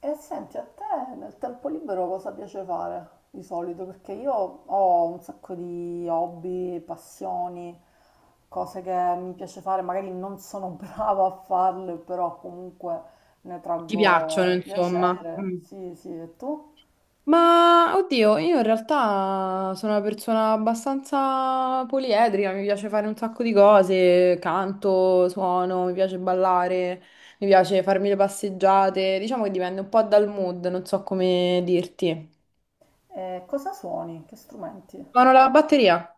E senti, a te nel tempo libero cosa piace fare di solito? Perché io ho un sacco di hobby, passioni, cose che mi piace fare, magari non sono brava a farle, però comunque ne Ti piacciono, traggo insomma. piacere. Mm. Sì, sì, e tu? Ma oddio, io in realtà sono una persona abbastanza poliedrica, mi piace fare un sacco di cose, canto, suono, mi piace ballare, mi piace farmi le passeggiate, diciamo che dipende un po' dal mood, non so come dirti. E cosa suoni? Che strumenti? Suono la batteria?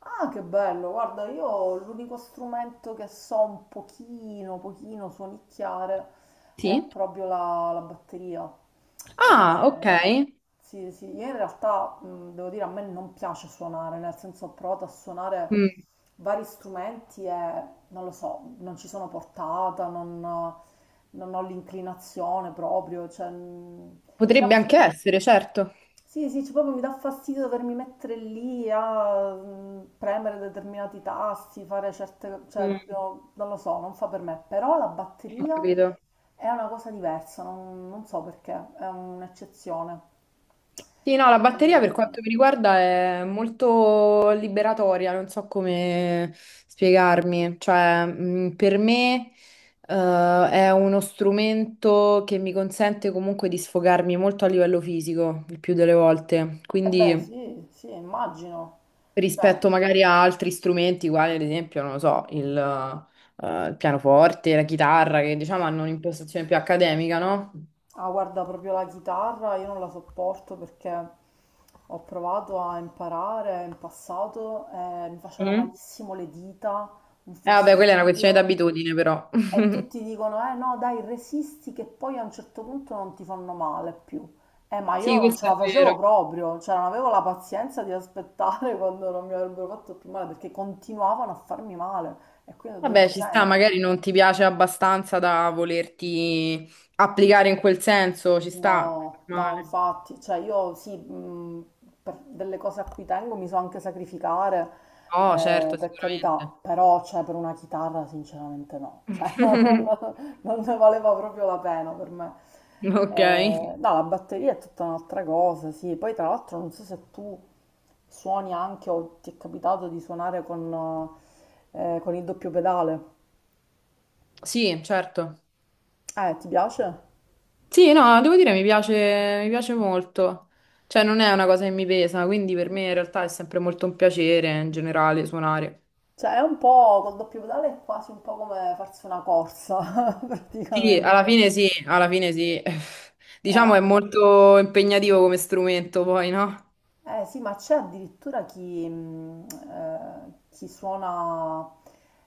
Ah, che bello, guarda, io l'unico strumento che so un pochino suonicchiare è Sì. proprio la batteria. Ah, ok. Eh, sì, sì, io in realtà devo dire a me non piace suonare, nel senso ho provato a suonare Mm. vari strumenti e non lo so, non ci sono portata, non ho l'inclinazione proprio, cioè, mi dà... Potrebbe anche essere, certo. Sì, sì, cioè proprio mi dà fastidio dovermi mettere lì a premere determinati tasti, fare certe, cioè Mm, proprio non lo so, non fa per me. Però la ho batteria capito. è una cosa diversa, non so perché, è un'eccezione. Sì, no, la E, batteria per quanto mi riguarda è molto liberatoria, non so come spiegarmi. Cioè, per me, è uno strumento che mi consente comunque di sfogarmi molto a livello fisico, il più delle volte. e beh, Quindi, sì, sì, immagino. Cioè, ah, rispetto magari a altri strumenti, quali ad esempio, non lo so, il pianoforte, la chitarra, che diciamo hanno un'impostazione più accademica, no? guarda, proprio la chitarra io non la sopporto perché ho provato a imparare in passato e mi facevano Mm. malissimo le dita, un Vabbè, quella è una questione fastidio. d'abitudine, però. E tutti dicono, eh no, dai, resisti che poi a un certo punto non ti fanno male più. Ma io Sì, non ce questo è la vero. facevo proprio, cioè non avevo la pazienza di aspettare quando non mi avrebbero fatto più male, perché continuavano a farmi male. E quindi ho Vabbè, detto, ci sta, senti. magari non ti piace abbastanza da volerti applicare in quel senso, ci sta. No, no, Normale. infatti, cioè io sì, per delle cose a cui tengo mi so anche sacrificare, No, certo, per carità, sicuramente. però cioè, per una chitarra sinceramente no, cioè, non- non ne valeva proprio la pena per me. Ok, No, la batteria è tutta un'altra cosa, sì, poi tra l'altro non so se tu suoni anche o ti è capitato di suonare con il doppio pedale, sì, certo. Ti piace? Sì, no, devo dire mi piace molto. Cioè, non è una cosa che mi pesa, quindi per me in realtà è sempre molto un piacere in generale suonare. Cioè, è un po' col doppio pedale è quasi un po' come farsi una corsa, Sì, praticamente. alla fine sì, alla fine sì. Eh, Diciamo è molto impegnativo come strumento, poi, no? Sì, ma c'è addirittura chi, chi suona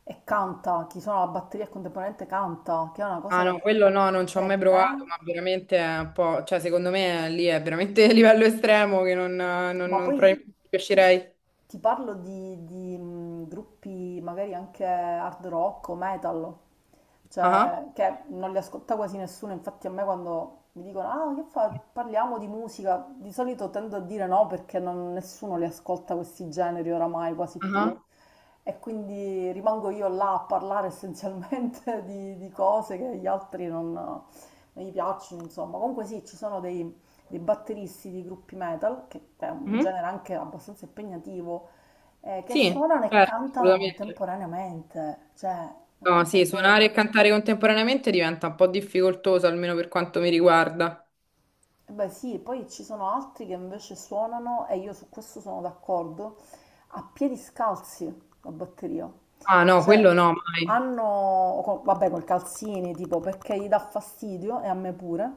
e canta, chi suona la batteria e contemporaneamente canta, che è una cosa Ah no, che quello no, non ci ho per mai provato, me. ma veramente è un po', cioè secondo me lì è veramente a livello estremo che non, non, Ma non poi probabilmente ci ti, riuscirei. ti parlo di, gruppi magari anche hard rock o metal, Ah, cioè che non li ascolta quasi nessuno, infatti a me quando mi dicono ah che fa? Parliamo di musica, di solito tendo a dire no perché nessuno li ascolta questi generi oramai quasi più ah, e quindi rimango io là a parlare essenzialmente di cose che gli altri non gli piacciono, insomma. Comunque sì, ci sono dei batteristi di gruppi metal, che è un mhm. genere anche abbastanza impegnativo, che Sì, suonano e certo, cantano assolutamente. contemporaneamente, cioè una No, cosa sì, suonare folle. e cantare contemporaneamente diventa un po' difficoltoso, almeno per quanto mi riguarda. Eh beh sì, poi ci sono altri che invece suonano, e io su questo sono d'accordo, a piedi scalzi la batteria. Ah no, Cioè, quello no, mai. hanno, vabbè, col calzini, tipo, perché gli dà fastidio, e a me pure,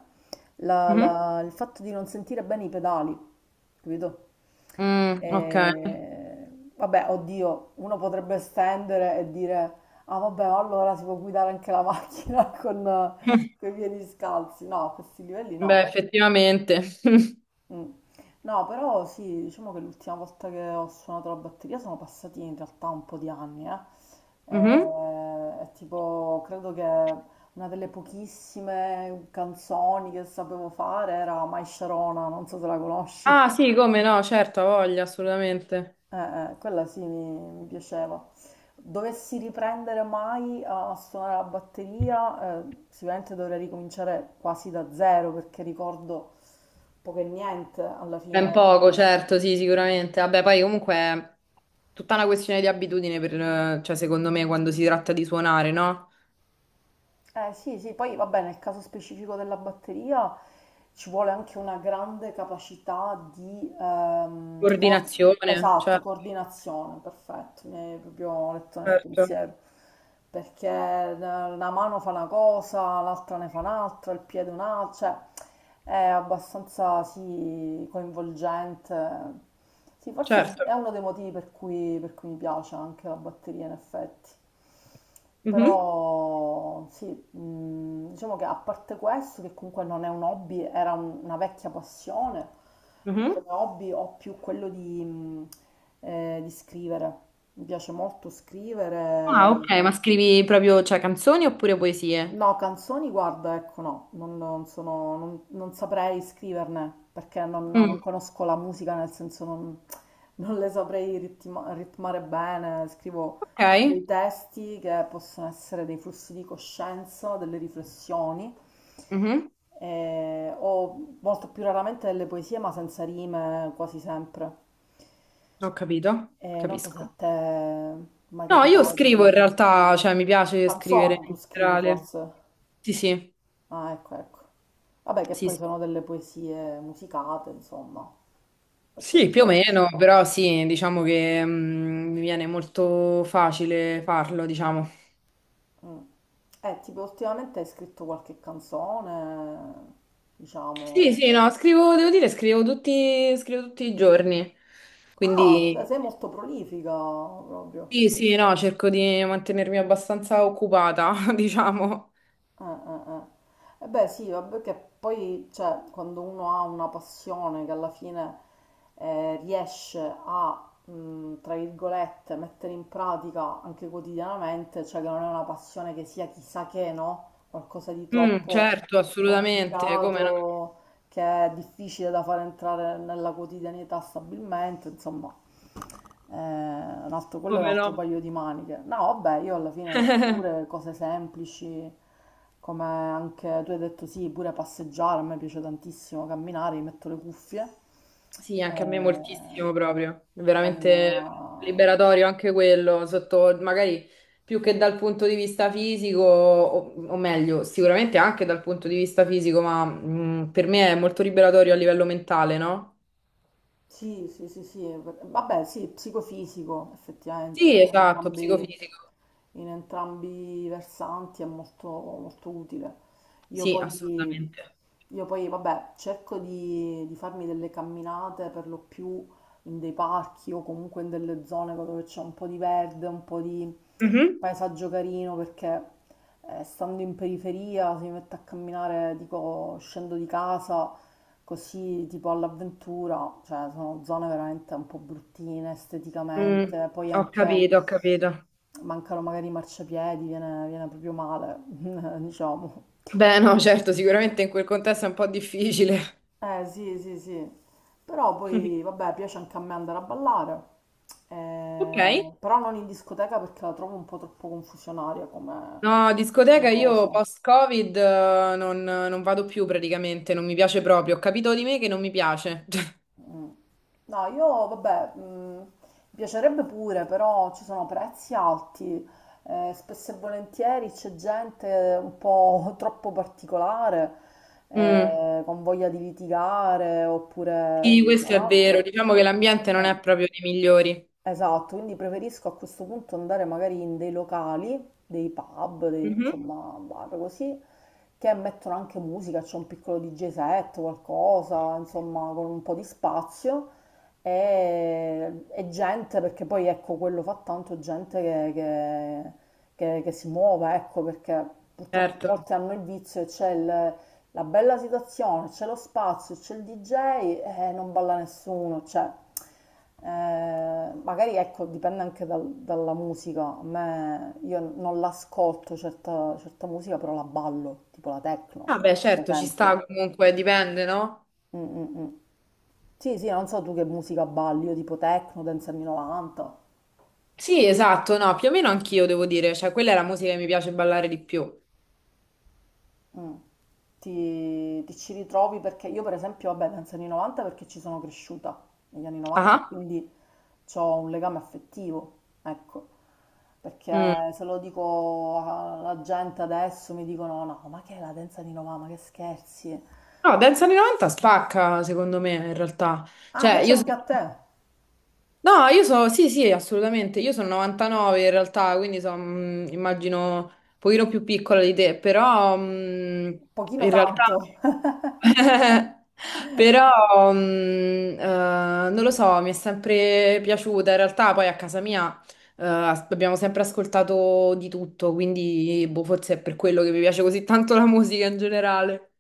Mhm. Il fatto di non sentire bene i pedali, capito? Mm, ok. Vabbè, oddio, uno potrebbe estendere e dire, ah vabbè, allora si può guidare anche la macchina con i piedi scalzi. No, a questi livelli Beh, no. effettivamente. Mm. No, però sì, diciamo che l'ultima volta che ho suonato la batteria sono passati in realtà un po' di anni, eh. Mhm. È tipo, credo che una delle pochissime canzoni che sapevo fare era My Sharona, non so se la conosci. Ah sì, come no, certo, ha voglia, assolutamente. Quella sì, mi piaceva. Dovessi riprendere mai a suonare la batteria, sicuramente dovrei ricominciare quasi da zero perché ricordo poco e niente alla Ben fine. poco, certo, sì, sicuramente. Vabbè, poi comunque è tutta una questione di abitudine per, cioè, secondo me, quando si tratta di suonare, no? Eh sì, sì, poi vabbè, nel caso specifico della batteria ci vuole anche una grande capacità di Coordinazione, cioè, esatto, coordinazione, perfetto, mi hai proprio letto nel certo, pensiero, perché una mano fa una cosa, l'altra ne fa un'altra, il piede un'altra, cioè è abbastanza sì, coinvolgente. Sì, forse certo. è uno dei motivi per cui mi piace anche la batteria in effetti. Mhm, Però sì, diciamo che a parte questo, che comunque non è un hobby, era una vecchia passione, io mhm. come hobby ho più quello di scrivere. Mi piace molto Ah, ok, scrivere. ma scrivi proprio, cioè, canzoni oppure poesie? No, canzoni, guarda, ecco, no, non saprei scriverne perché non, no, non Mm, conosco la musica, nel senso non, non le saprei ritmare bene. Scrivo ok, dei testi che possono essere dei flussi di coscienza, delle riflessioni, mhm, o molto più raramente delle poesie, ma senza rime quasi sempre. ho capito, E non so se a capisco. te è mai No, io capitato di... scrivo in realtà, cioè, mi piace scrivere Canzoni tu in scrivi generale. forse? Sì, sì, Ah, ecco, ecco. Vabbè, che sì, poi sì. sono delle poesie musicate, insomma, per Sì, certi più o versi. meno, però sì, diciamo che mi viene molto facile farlo, diciamo. Mm. Tipo, ultimamente hai scritto qualche canzone, Sì, diciamo. sì, no, scrivo, devo dire, scrivo tutti i giorni. Ah, cioè Quindi sei molto prolifica proprio. sì, sì, no, cerco di mantenermi abbastanza occupata, diciamo. Eh. Eh beh sì, vabbè che poi cioè, quando uno ha una passione che alla fine riesce a, tra virgolette, mettere in pratica anche quotidianamente, cioè che non è una passione che sia chissà che, no? Qualcosa di Mm, troppo certo, assolutamente, come no, complicato, che è difficile da far entrare nella quotidianità stabilmente, insomma, quello è un come altro no. paio di maniche. No, vabbè, io alla fine pure cose semplici, come anche tu hai detto sì, pure passeggiare, a me piace tantissimo camminare, mi metto le cuffie, Sì, anche a me eh, moltissimo proprio. È con, veramente liberatorio anche quello, sotto magari più che dal punto di vista fisico, o meglio, sicuramente anche dal punto di vista fisico, ma per me è molto liberatorio a livello mentale, no? sì, sì, sì, sì, vabbè, sì, psicofisico, effettivamente, Sì, esatto, psicofisico. in entrambi i versanti è molto, molto utile. Io Sì, poi, assolutamente. io poi, vabbè, cerco di farmi delle camminate per lo più in dei parchi o comunque in delle zone dove c'è un po' di verde, un po' di Mhm. paesaggio carino, perché stando in periferia, se mi metto a camminare, dico, scendo di casa così tipo all'avventura, cioè sono zone veramente un po' bruttine Mm, esteticamente, poi ho anche capito, ho capito. mancano magari i marciapiedi, viene proprio male, diciamo. Beh, no, certo, sicuramente in quel contesto è un po' difficile. Sì, però poi vabbè piace anche a me andare a ballare, Ok. Però non in discoteca perché la trovo un po' troppo confusionaria come, No, come discoteca io cosa. post-Covid non vado più praticamente, non mi piace proprio. Ho capito di me che non mi piace. No, io vabbè, mi piacerebbe pure, però ci sono prezzi alti, spesso e volentieri c'è gente un po' troppo particolare, Mm, con voglia di litigare oppure sì, questo è vero. altro. Diciamo che l'ambiente non Eh, è proprio dei migliori. Esatto, quindi preferisco a questo punto andare magari in dei locali, dei pub, dei, Mhm, insomma, bar così, che mettono anche musica, c'è un piccolo DJ set, qualcosa, insomma, con un po' di spazio e gente, perché poi ecco, quello fa tanto gente che si muova, ecco, perché purtroppo certo. molti hanno il vizio, la bella situazione, c'è lo spazio, c'è il DJ e non balla nessuno, cioè, magari ecco, dipende anche dalla musica, a me, io non l'ascolto certa, certa musica, però la ballo, tipo la techno, Vabbè, per certo, ci esempio. sta comunque, dipende, no? Mm, mm, mm. Sì, sì, non so tu che musica balli, io tipo techno, dance anni 90. Sì, esatto, no, più o meno anch'io devo dire, cioè quella è la musica che mi piace ballare di più. Mm. Ti ci ritrovi perché io per esempio, vabbè, penso anni 90 perché ci sono cresciuta negli anni 90 e Ah. quindi ho un legame affettivo, ecco, Mm. perché se lo dico alla gente adesso mi dicono no, ma che è la danza di 90, ma che scherzi. No, dance anni 90 spacca, secondo me, in realtà. Ah, Cioè, piace io anche sono a te, No, io sono, sì, sì, assolutamente, io sono 99 in realtà, quindi sono, immagino, un pochino più piccola di te, però pochino in realtà... tanto. Però, non lo so, mi è sempre piaciuta. In realtà, poi a casa mia, abbiamo sempre ascoltato di tutto, quindi boh, forse è per quello che mi piace così tanto la musica in generale.